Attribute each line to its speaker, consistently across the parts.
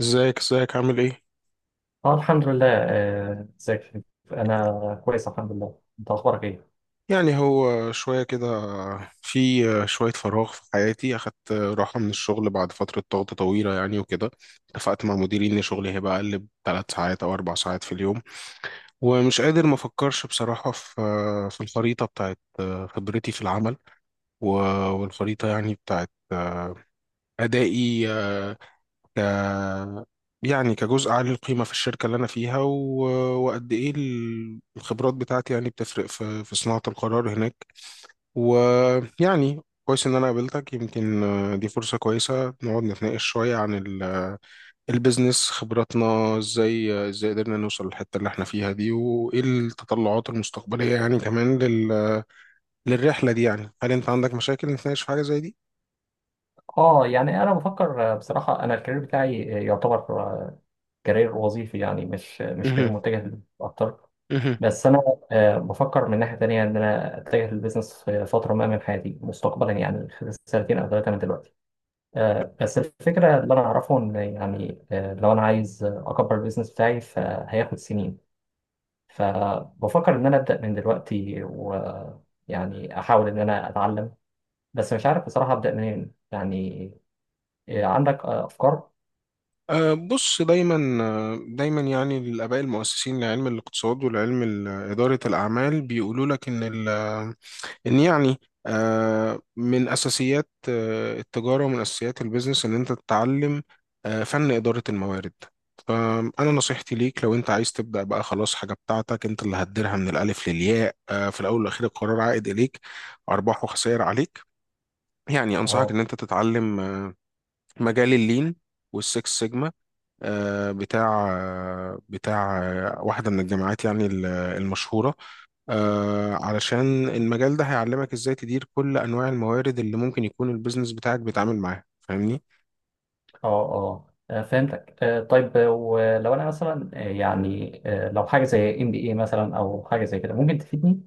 Speaker 1: ازيك ازيك عامل ايه؟
Speaker 2: اه الحمد لله ازيك يا حبيبي؟ انا كويس الحمد لله. انت اخبارك ايه؟
Speaker 1: يعني هو شوية كده. في شوية فراغ في حياتي، أخدت راحة من الشغل بعد فترة ضغط طويلة يعني وكده. اتفقت مع مديري إن شغلي هيبقى أقل ب3 ساعات أو 4 ساعات في اليوم. ومش قادر ما أفكرش بصراحة في الخريطة بتاعت خبرتي في العمل، و- والخريطة يعني بتاعت أدائي، ك يعني كجزء عالي القيمة في الشركة اللي أنا فيها. وقد إيه الخبرات بتاعتي يعني بتفرق في صناعة القرار هناك. ويعني كويس إن أنا قابلتك، يمكن دي فرصة كويسة نقعد نتناقش شوية عن البيزنس، خبراتنا إزاي قدرنا نوصل للحتة اللي إحنا فيها دي، وإيه التطلعات المستقبلية يعني كمان للرحلة دي. يعني هل أنت عندك مشاكل نتناقش في حاجة زي دي؟
Speaker 2: اه يعني انا بفكر بصراحه انا الكارير بتاعي يعتبر كارير وظيفي، يعني مش كارير
Speaker 1: مهم.
Speaker 2: متجه اكتر.
Speaker 1: مهم.
Speaker 2: بس انا بفكر من ناحيه تانية ان انا اتجه للبيزنس في فتره ما من حياتي مستقبلا، يعني خلال 2 أو 3 سنين من دلوقتي. بس الفكره اللي انا اعرفه ان، يعني، لو انا عايز اكبر البيزنس بتاعي فهياخد سنين. فبفكر إن أنا أبدأ من دلوقتي، ويعني أحاول إن أنا أتعلم، بس مش عارف بصراحة أبدأ منين يعني. إيه، عندك أفكار؟
Speaker 1: أه، بص دايما. دايما يعني الآباء المؤسسين لعلم الاقتصاد والعلم إدارة الأعمال بيقولوا لك إن يعني من أساسيات التجارة، ومن أساسيات البيزنس إن أنت تتعلم فن إدارة الموارد. فأنا نصيحتي ليك، لو أنت عايز تبدأ بقى خلاص حاجة بتاعتك أنت اللي هتديرها من الألف للياء، في الأول والأخير القرار عائد إليك، أرباح وخسائر عليك. يعني أنصحك
Speaker 2: أه
Speaker 1: إن أنت تتعلم مجال اللين والسكس سيجما، بتاع واحدة من الجامعات يعني المشهورة، علشان المجال ده هيعلمك ازاي تدير كل انواع الموارد اللي ممكن يكون البيزنس بتاعك بيتعامل معاها، فاهمني؟
Speaker 2: أه أه. فهمتك. طيب، ولو أنا مثلا، يعني، لو حاجة زي MBA مثلا أو حاجة زي كده ممكن تفيدني؟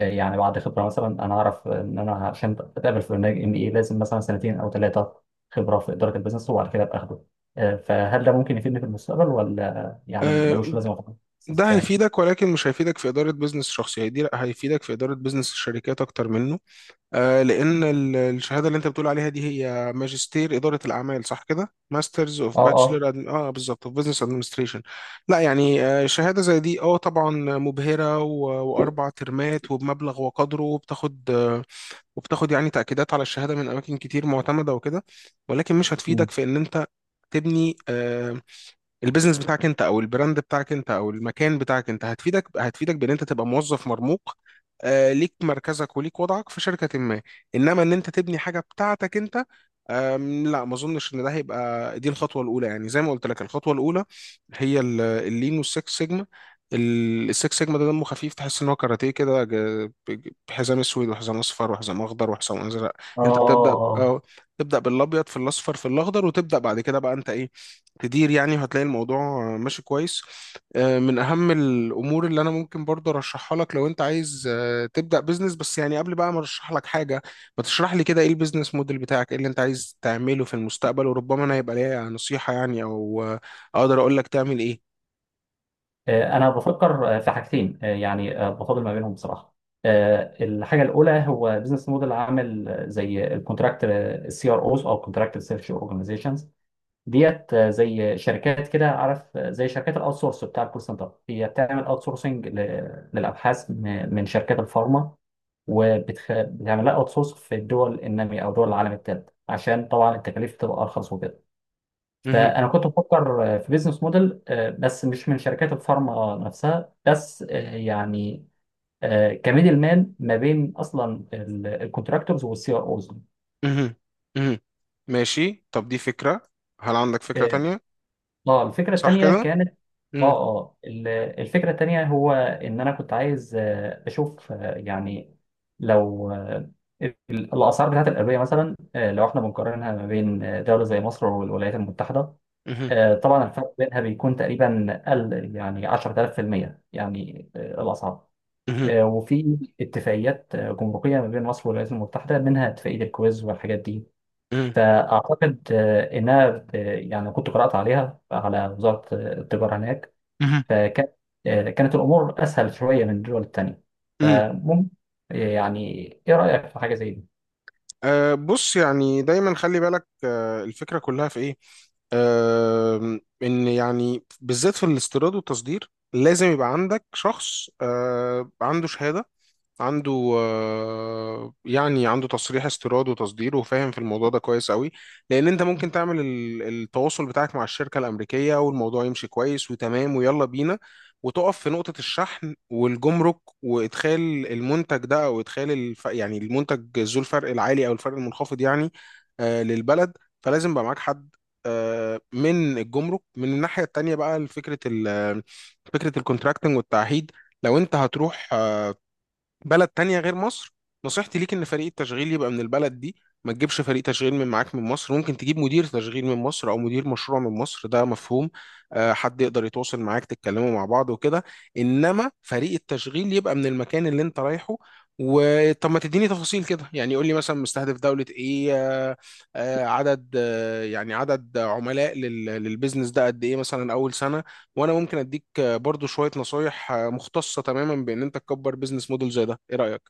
Speaker 2: يعني بعد خبرة مثلا، أنا أعرف إن أنا عشان أتقابل في برنامج MBA لازم مثلا 2 أو 3 سنين خبرة في إدارة البيزنس، وبعد كده أبقى أخده. فهل ده ممكن يفيدني في المستقبل ولا يعني
Speaker 1: آه،
Speaker 2: ملوش لازمة
Speaker 1: ده
Speaker 2: خالص؟
Speaker 1: هيفيدك، ولكن مش هيفيدك في إدارة بيزنس شخصي، هيفيدك في إدارة بيزنس الشركات أكتر منه. لأن الشهادة اللي أنت بتقول عليها دي هي ماجستير إدارة الأعمال، صح كده؟ ماسترز أوف
Speaker 2: اه اه.
Speaker 1: آه بالظبط، أوف بزنس أدمنستريشن. لا يعني شهادة زي دي أه طبعا مبهرة، و4 ترمات وبمبلغ وقدره، وبتاخد يعني تأكيدات على الشهادة من أماكن كتير معتمدة وكده. ولكن مش
Speaker 2: مم.
Speaker 1: هتفيدك في إن أنت تبني البيزنس بتاعك انت، او البراند بتاعك انت، او المكان بتاعك انت. هتفيدك، هتفيدك بان انت تبقى موظف مرموق، ليك مركزك وليك وضعك في شركة ما. انما ان انت تبني حاجة بتاعتك انت، لا ما اظنش ان ده هيبقى. دي الخطوة الاولى يعني زي ما قلت لك. الخطوة الاولى هي اللين والسكس سيجما. السكس سيجما ده دمه خفيف، تحس ان هو كاراتيه كده بحزام اسود وحزام اصفر وحزام اخضر وحزام ازرق.
Speaker 2: اه
Speaker 1: انت بتبدا
Speaker 2: اه اه.
Speaker 1: اه، تبدا بالابيض في الاصفر في الاخضر، وتبدا بعد كده بقى انت ايه؟ تدير يعني، وهتلاقي الموضوع ماشي كويس. من اهم الامور اللي انا ممكن برضه ارشحها لك، لو انت عايز تبدا بزنس، بس يعني قبل بقى ما ارشح لك حاجه، ما تشرح لي كده ايه البيزنس موديل بتاعك، ايه اللي انت عايز تعمله في المستقبل؟ وربما انا يبقى ليا نصيحه يعني، او اقدر اقول لك تعمل ايه.
Speaker 2: انا بفكر في حاجتين، يعني بفاضل ما بينهم بصراحه. الحاجه الاولى هو بزنس موديل عامل زي الكونتراكت الـ CROs، او كونتراكت سيرش اورجانيزيشنز ديت، زي شركات كده، عارف، زي شركات الاوت سورس بتاع الكول سنتر. هي بتعمل اوت سورسنج للابحاث من شركات الفارما، وبتعمل لها اوت سورس في الدول الناميه او دول العالم الثالث، عشان طبعا التكاليف تبقى ارخص وكده.
Speaker 1: مهم.
Speaker 2: فانا كنت بفكر في بيزنس موديل، بس مش من شركات الفارما نفسها بس، يعني كميدل مان ما بين اصلا الكونتراكتورز والـ CROs.
Speaker 1: مهم. مهم. ماشي، طب دي فكره. هل عندك فكره
Speaker 2: اه.
Speaker 1: تانية؟
Speaker 2: الفكره
Speaker 1: صح
Speaker 2: الثانيه
Speaker 1: كده.
Speaker 2: كانت. اه
Speaker 1: مم.
Speaker 2: اه. الفكره الثانيه هو ان انا كنت عايز اشوف، يعني لو ال- الاسعار بتاعت الادويه مثلا، لو احنا بنقارنها ما بين دوله زي مصر والولايات المتحده.
Speaker 1: مهم.
Speaker 2: طبعا الفرق بينها بيكون تقريبا قل يعني 10000%، يعني الأسعار.
Speaker 1: مهم.
Speaker 2: وفي اتفاقيات جمركية ما بين مصر والولايات المتحدة، منها اتفاقية الكويز والحاجات دي.
Speaker 1: مهم.
Speaker 2: فأعتقد إنها يعني كنت قرأت عليها على وزارة التجارة هناك.
Speaker 1: مهم.
Speaker 2: فكانت الأمور أسهل شوية من الدول التانية،
Speaker 1: مم.
Speaker 2: فممكن يعني، إيه رأيك في حاجة زي دي؟
Speaker 1: أه بص، يعني دايما خلي بالك أه الفكرة كلها في ايه. ان يعني بالذات في الاستيراد والتصدير لازم يبقى عندك شخص عنده شهادة، عنده يعني عنده تصريح استيراد وتصدير وفاهم في الموضوع ده كويس قوي. لان انت ممكن تعمل التواصل بتاعك مع الشركة الامريكية، والموضوع يمشي كويس وتمام ويلا بينا، وتقف في نقطة الشحن والجمرك، وادخال المنتج ده او ادخال يعني المنتج ذو الفرق العالي او الفرق المنخفض يعني للبلد. فلازم يبقى معاك حد من الجمرك. من الناحية التانية بقى فكرة فكرة الكونتراكتنج والتعهيد. لو انت هتروح بلد تانية غير مصر، نصيحتي ليك ان فريق التشغيل يبقى من البلد دي. ما تجيبش فريق تشغيل من معاك من مصر. ممكن تجيب مدير تشغيل من مصر او مدير مشروع من مصر، ده مفهوم، حد يقدر يتواصل معاك تتكلموا مع بعض وكده. انما فريق التشغيل يبقى من المكان اللي انت رايحه. وطب ما تديني تفاصيل كده يعني، قول لي مثلا مستهدف دولة ايه، عدد يعني عدد عملاء للبيزنس ده قد ايه مثلا اول سنة، وانا ممكن اديك برضو شوية نصايح مختصة تماما بان انت تكبر بيزنس موديل زي ده. ايه رأيك؟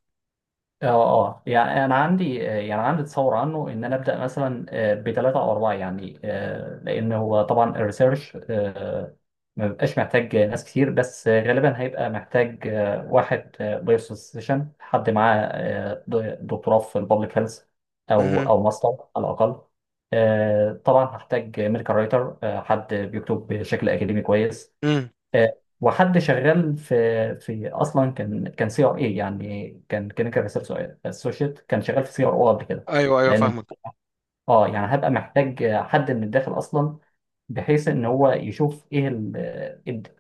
Speaker 2: اه اه، يعني انا عندي يعني عندي تصور عنه، ان انا ابدا مثلا بـ 3 أو 4، يعني لان هو طبعا الريسيرش ما بيبقاش محتاج ناس كتير، بس غالبا هيبقى محتاج واحد بيرسوسيشن، حد معاه دكتوراه في البابليك هيلث، او
Speaker 1: مهم.
Speaker 2: او ماستر على الاقل. طبعا هحتاج ميديكال رايتر، حد بيكتب بشكل اكاديمي كويس.
Speaker 1: مم.
Speaker 2: وحد شغال في اصلا كان CRA، يعني كان كلينيكال ريسيرش اسوشيت، كان شغال في CRO قبل كده.
Speaker 1: ايوه ايوه
Speaker 2: لان
Speaker 1: فاهمك.
Speaker 2: اه يعني هبقى محتاج حد من الداخل اصلا، بحيث ان هو يشوف ايه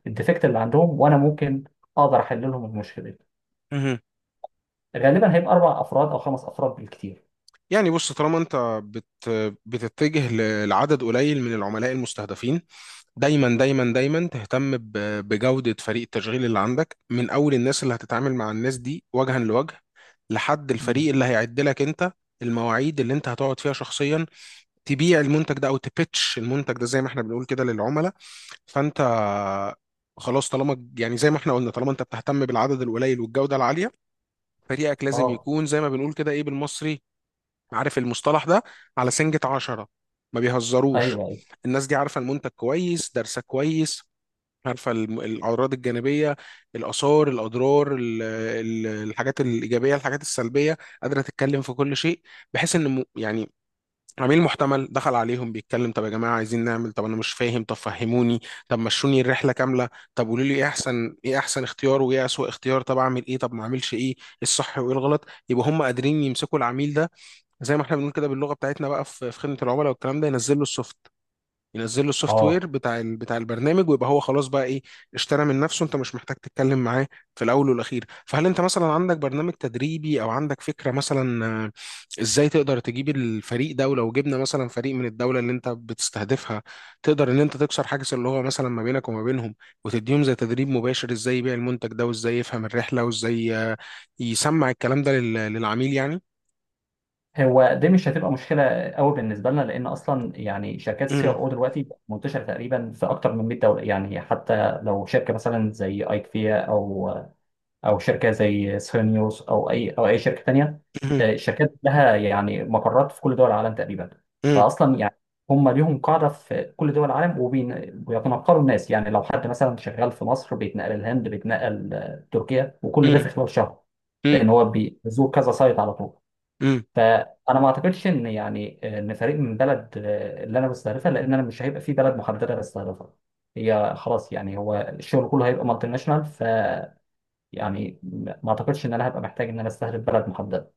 Speaker 2: الديفكت اللي عندهم، وانا ممكن اقدر احل لهم المشكله دي.
Speaker 1: مهم.
Speaker 2: غالبا هيبقى 4 افراد او 5 افراد بالكتير.
Speaker 1: يعني بص طالما انت بت بتتجه لعدد قليل من العملاء المستهدفين، دايما دايما دايما تهتم بجودة فريق التشغيل اللي عندك، من اول الناس اللي هتتعامل مع الناس دي وجها لوجه، لحد
Speaker 2: مم.
Speaker 1: الفريق اللي هيعد لك انت المواعيد اللي انت هتقعد فيها شخصيا تبيع المنتج ده، او تبيتش المنتج ده زي ما احنا بنقول كده للعملاء. فانت خلاص، طالما يعني زي ما احنا قلنا، طالما انت بتهتم بالعدد القليل والجودة العالية، فريقك لازم
Speaker 2: اه.
Speaker 1: يكون زي ما بنقول كده ايه بالمصري، عارف المصطلح ده؟ على سنجة عشرة، ما
Speaker 2: ايوه
Speaker 1: بيهزروش.
Speaker 2: ايوه.
Speaker 1: الناس دي عارفة المنتج كويس، دارسة كويس، عارفة الأعراض الجانبية، الآثار، الأضرار، الحاجات الإيجابية، الحاجات السلبية، قادرة تتكلم في كل شيء. بحيث إن يعني عميل محتمل دخل عليهم بيتكلم: طب يا جماعه عايزين نعمل، طب انا مش فاهم طب فهموني، طب مشوني الرحله كامله، طب قولوا لي ايه احسن، ايه احسن اختيار وايه اسوأ اختيار، طب اعمل ايه طب ما اعملش ايه، إيه الصح وايه الغلط. يبقى هم قادرين يمسكوا العميل ده، زي ما احنا بنقول كده باللغه بتاعتنا بقى في خدمه العملاء والكلام ده، ينزل له السوفت، ينزل له السوفت وير
Speaker 2: اه،
Speaker 1: بتاع بتاع البرنامج، ويبقى هو خلاص بقى ايه؟ اشترى من نفسه، انت مش محتاج تتكلم معاه. في الاول والاخير، فهل انت مثلا عندك برنامج تدريبي او عندك فكره مثلا ازاي تقدر تجيب الفريق ده؟ ولو جبنا مثلا فريق من الدوله اللي انت بتستهدفها، تقدر ان انت تكسر حاجز اللي هو مثلا ما بينك وما بينهم، وتديهم زي تدريب مباشر ازاي يبيع المنتج ده، وازاي يفهم الرحله، وازاي يسمع الكلام ده للعميل يعني.
Speaker 2: هو دي مش هتبقى مشكله قوي بالنسبه لنا، لان اصلا يعني شركات السي ار
Speaker 1: امم،
Speaker 2: او دلوقتي منتشره تقريبا في اكتر من 100 دوله، يعني حتى لو شركه مثلا زي ايكفيا او او شركه زي سيرنيوس، او اي شركه تانيه. الشركات لها يعني مقرات في كل دول العالم تقريبا.
Speaker 1: امم،
Speaker 2: فاصلا يعني هم ليهم قاعده في كل دول العالم، وبيتنقلوا الناس يعني. لو حد مثلا شغال في مصر بيتنقل الهند، بيتنقل تركيا، وكل ده
Speaker 1: امم،
Speaker 2: في خلال شهر، لان هو بيزور كذا سايت على طول.
Speaker 1: امم،
Speaker 2: فانا ما اعتقدش ان، يعني، ان فريق من بلد اللي انا بستهدفها، لان انا مش هيبقى في بلد محدده بستهدفها. هي خلاص، يعني هو الشغل كله هيبقى مالتي ناشونال، يعني ما اعتقدش ان انا هبقى محتاج ان انا استهدف بلد محدده.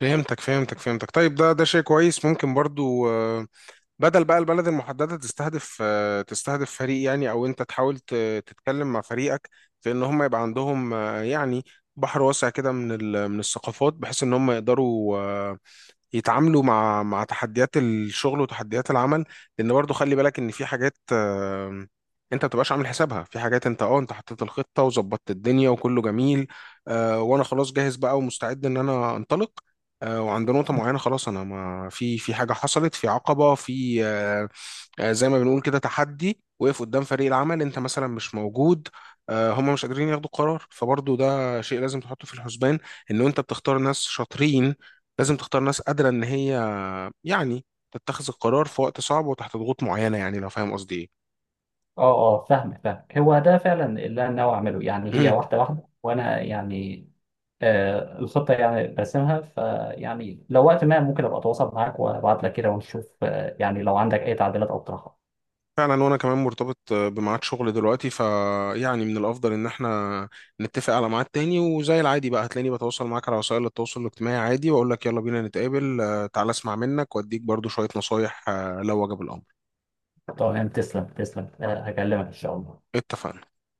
Speaker 1: فهمتك فهمتك فهمتك. طيب ده شيء كويس، ممكن برضو بدل بقى البلد المحددة، تستهدف تستهدف فريق يعني، او انت تحاول تتكلم مع فريقك في ان هم يبقى عندهم يعني بحر واسع كده من الثقافات، بحيث ان هم يقدروا يتعاملوا مع تحديات الشغل وتحديات العمل. لان برضو خلي بالك ان في حاجات انت ما بتبقاش عامل حسابها، في حاجات انت حطيت الخطه وظبطت الدنيا وكله جميل. وانا خلاص جاهز بقى ومستعد ان انا انطلق، وعند نقطه معينه خلاص انا ما في حاجه حصلت، في عقبه في آه، آه، زي ما بنقول كده تحدي، وقف قدام فريق العمل. انت مثلا مش موجود، هم مش قادرين ياخدوا قرار، فبرضو ده شيء لازم تحطه في الحسبان. ان انت بتختار ناس شاطرين، لازم تختار ناس قادرة إن هي يعني تتخذ القرار في وقت صعب وتحت ضغوط معينة، يعني لو فاهم قصدي.
Speaker 2: اه اه، فاهم فاهم. هو ده فعلا اللي انا ناوي اعمله، يعني
Speaker 1: إيه
Speaker 2: هي
Speaker 1: مم.
Speaker 2: واحده واحده، وانا يعني الخطه يعني برسمها، فيعني لو وقت ما ممكن ابقى اتواصل معاك وابعت لك كده ونشوف، يعني لو عندك اي تعديلات او اقتراحات.
Speaker 1: فعلا، وأنا كمان مرتبط بميعاد شغل دلوقتي، فيعني من الأفضل إن إحنا نتفق على ميعاد تاني، وزي العادي بقى هتلاقيني بتواصل معاك على وسائل التواصل الاجتماعي عادي، وأقول لك يلا بينا نتقابل، تعالى أسمع منك وأديك برضو شوية نصايح لو وجب الأمر.
Speaker 2: تمام، تسلم تسلم، هكلمك ان شاء الله.
Speaker 1: اتفقنا.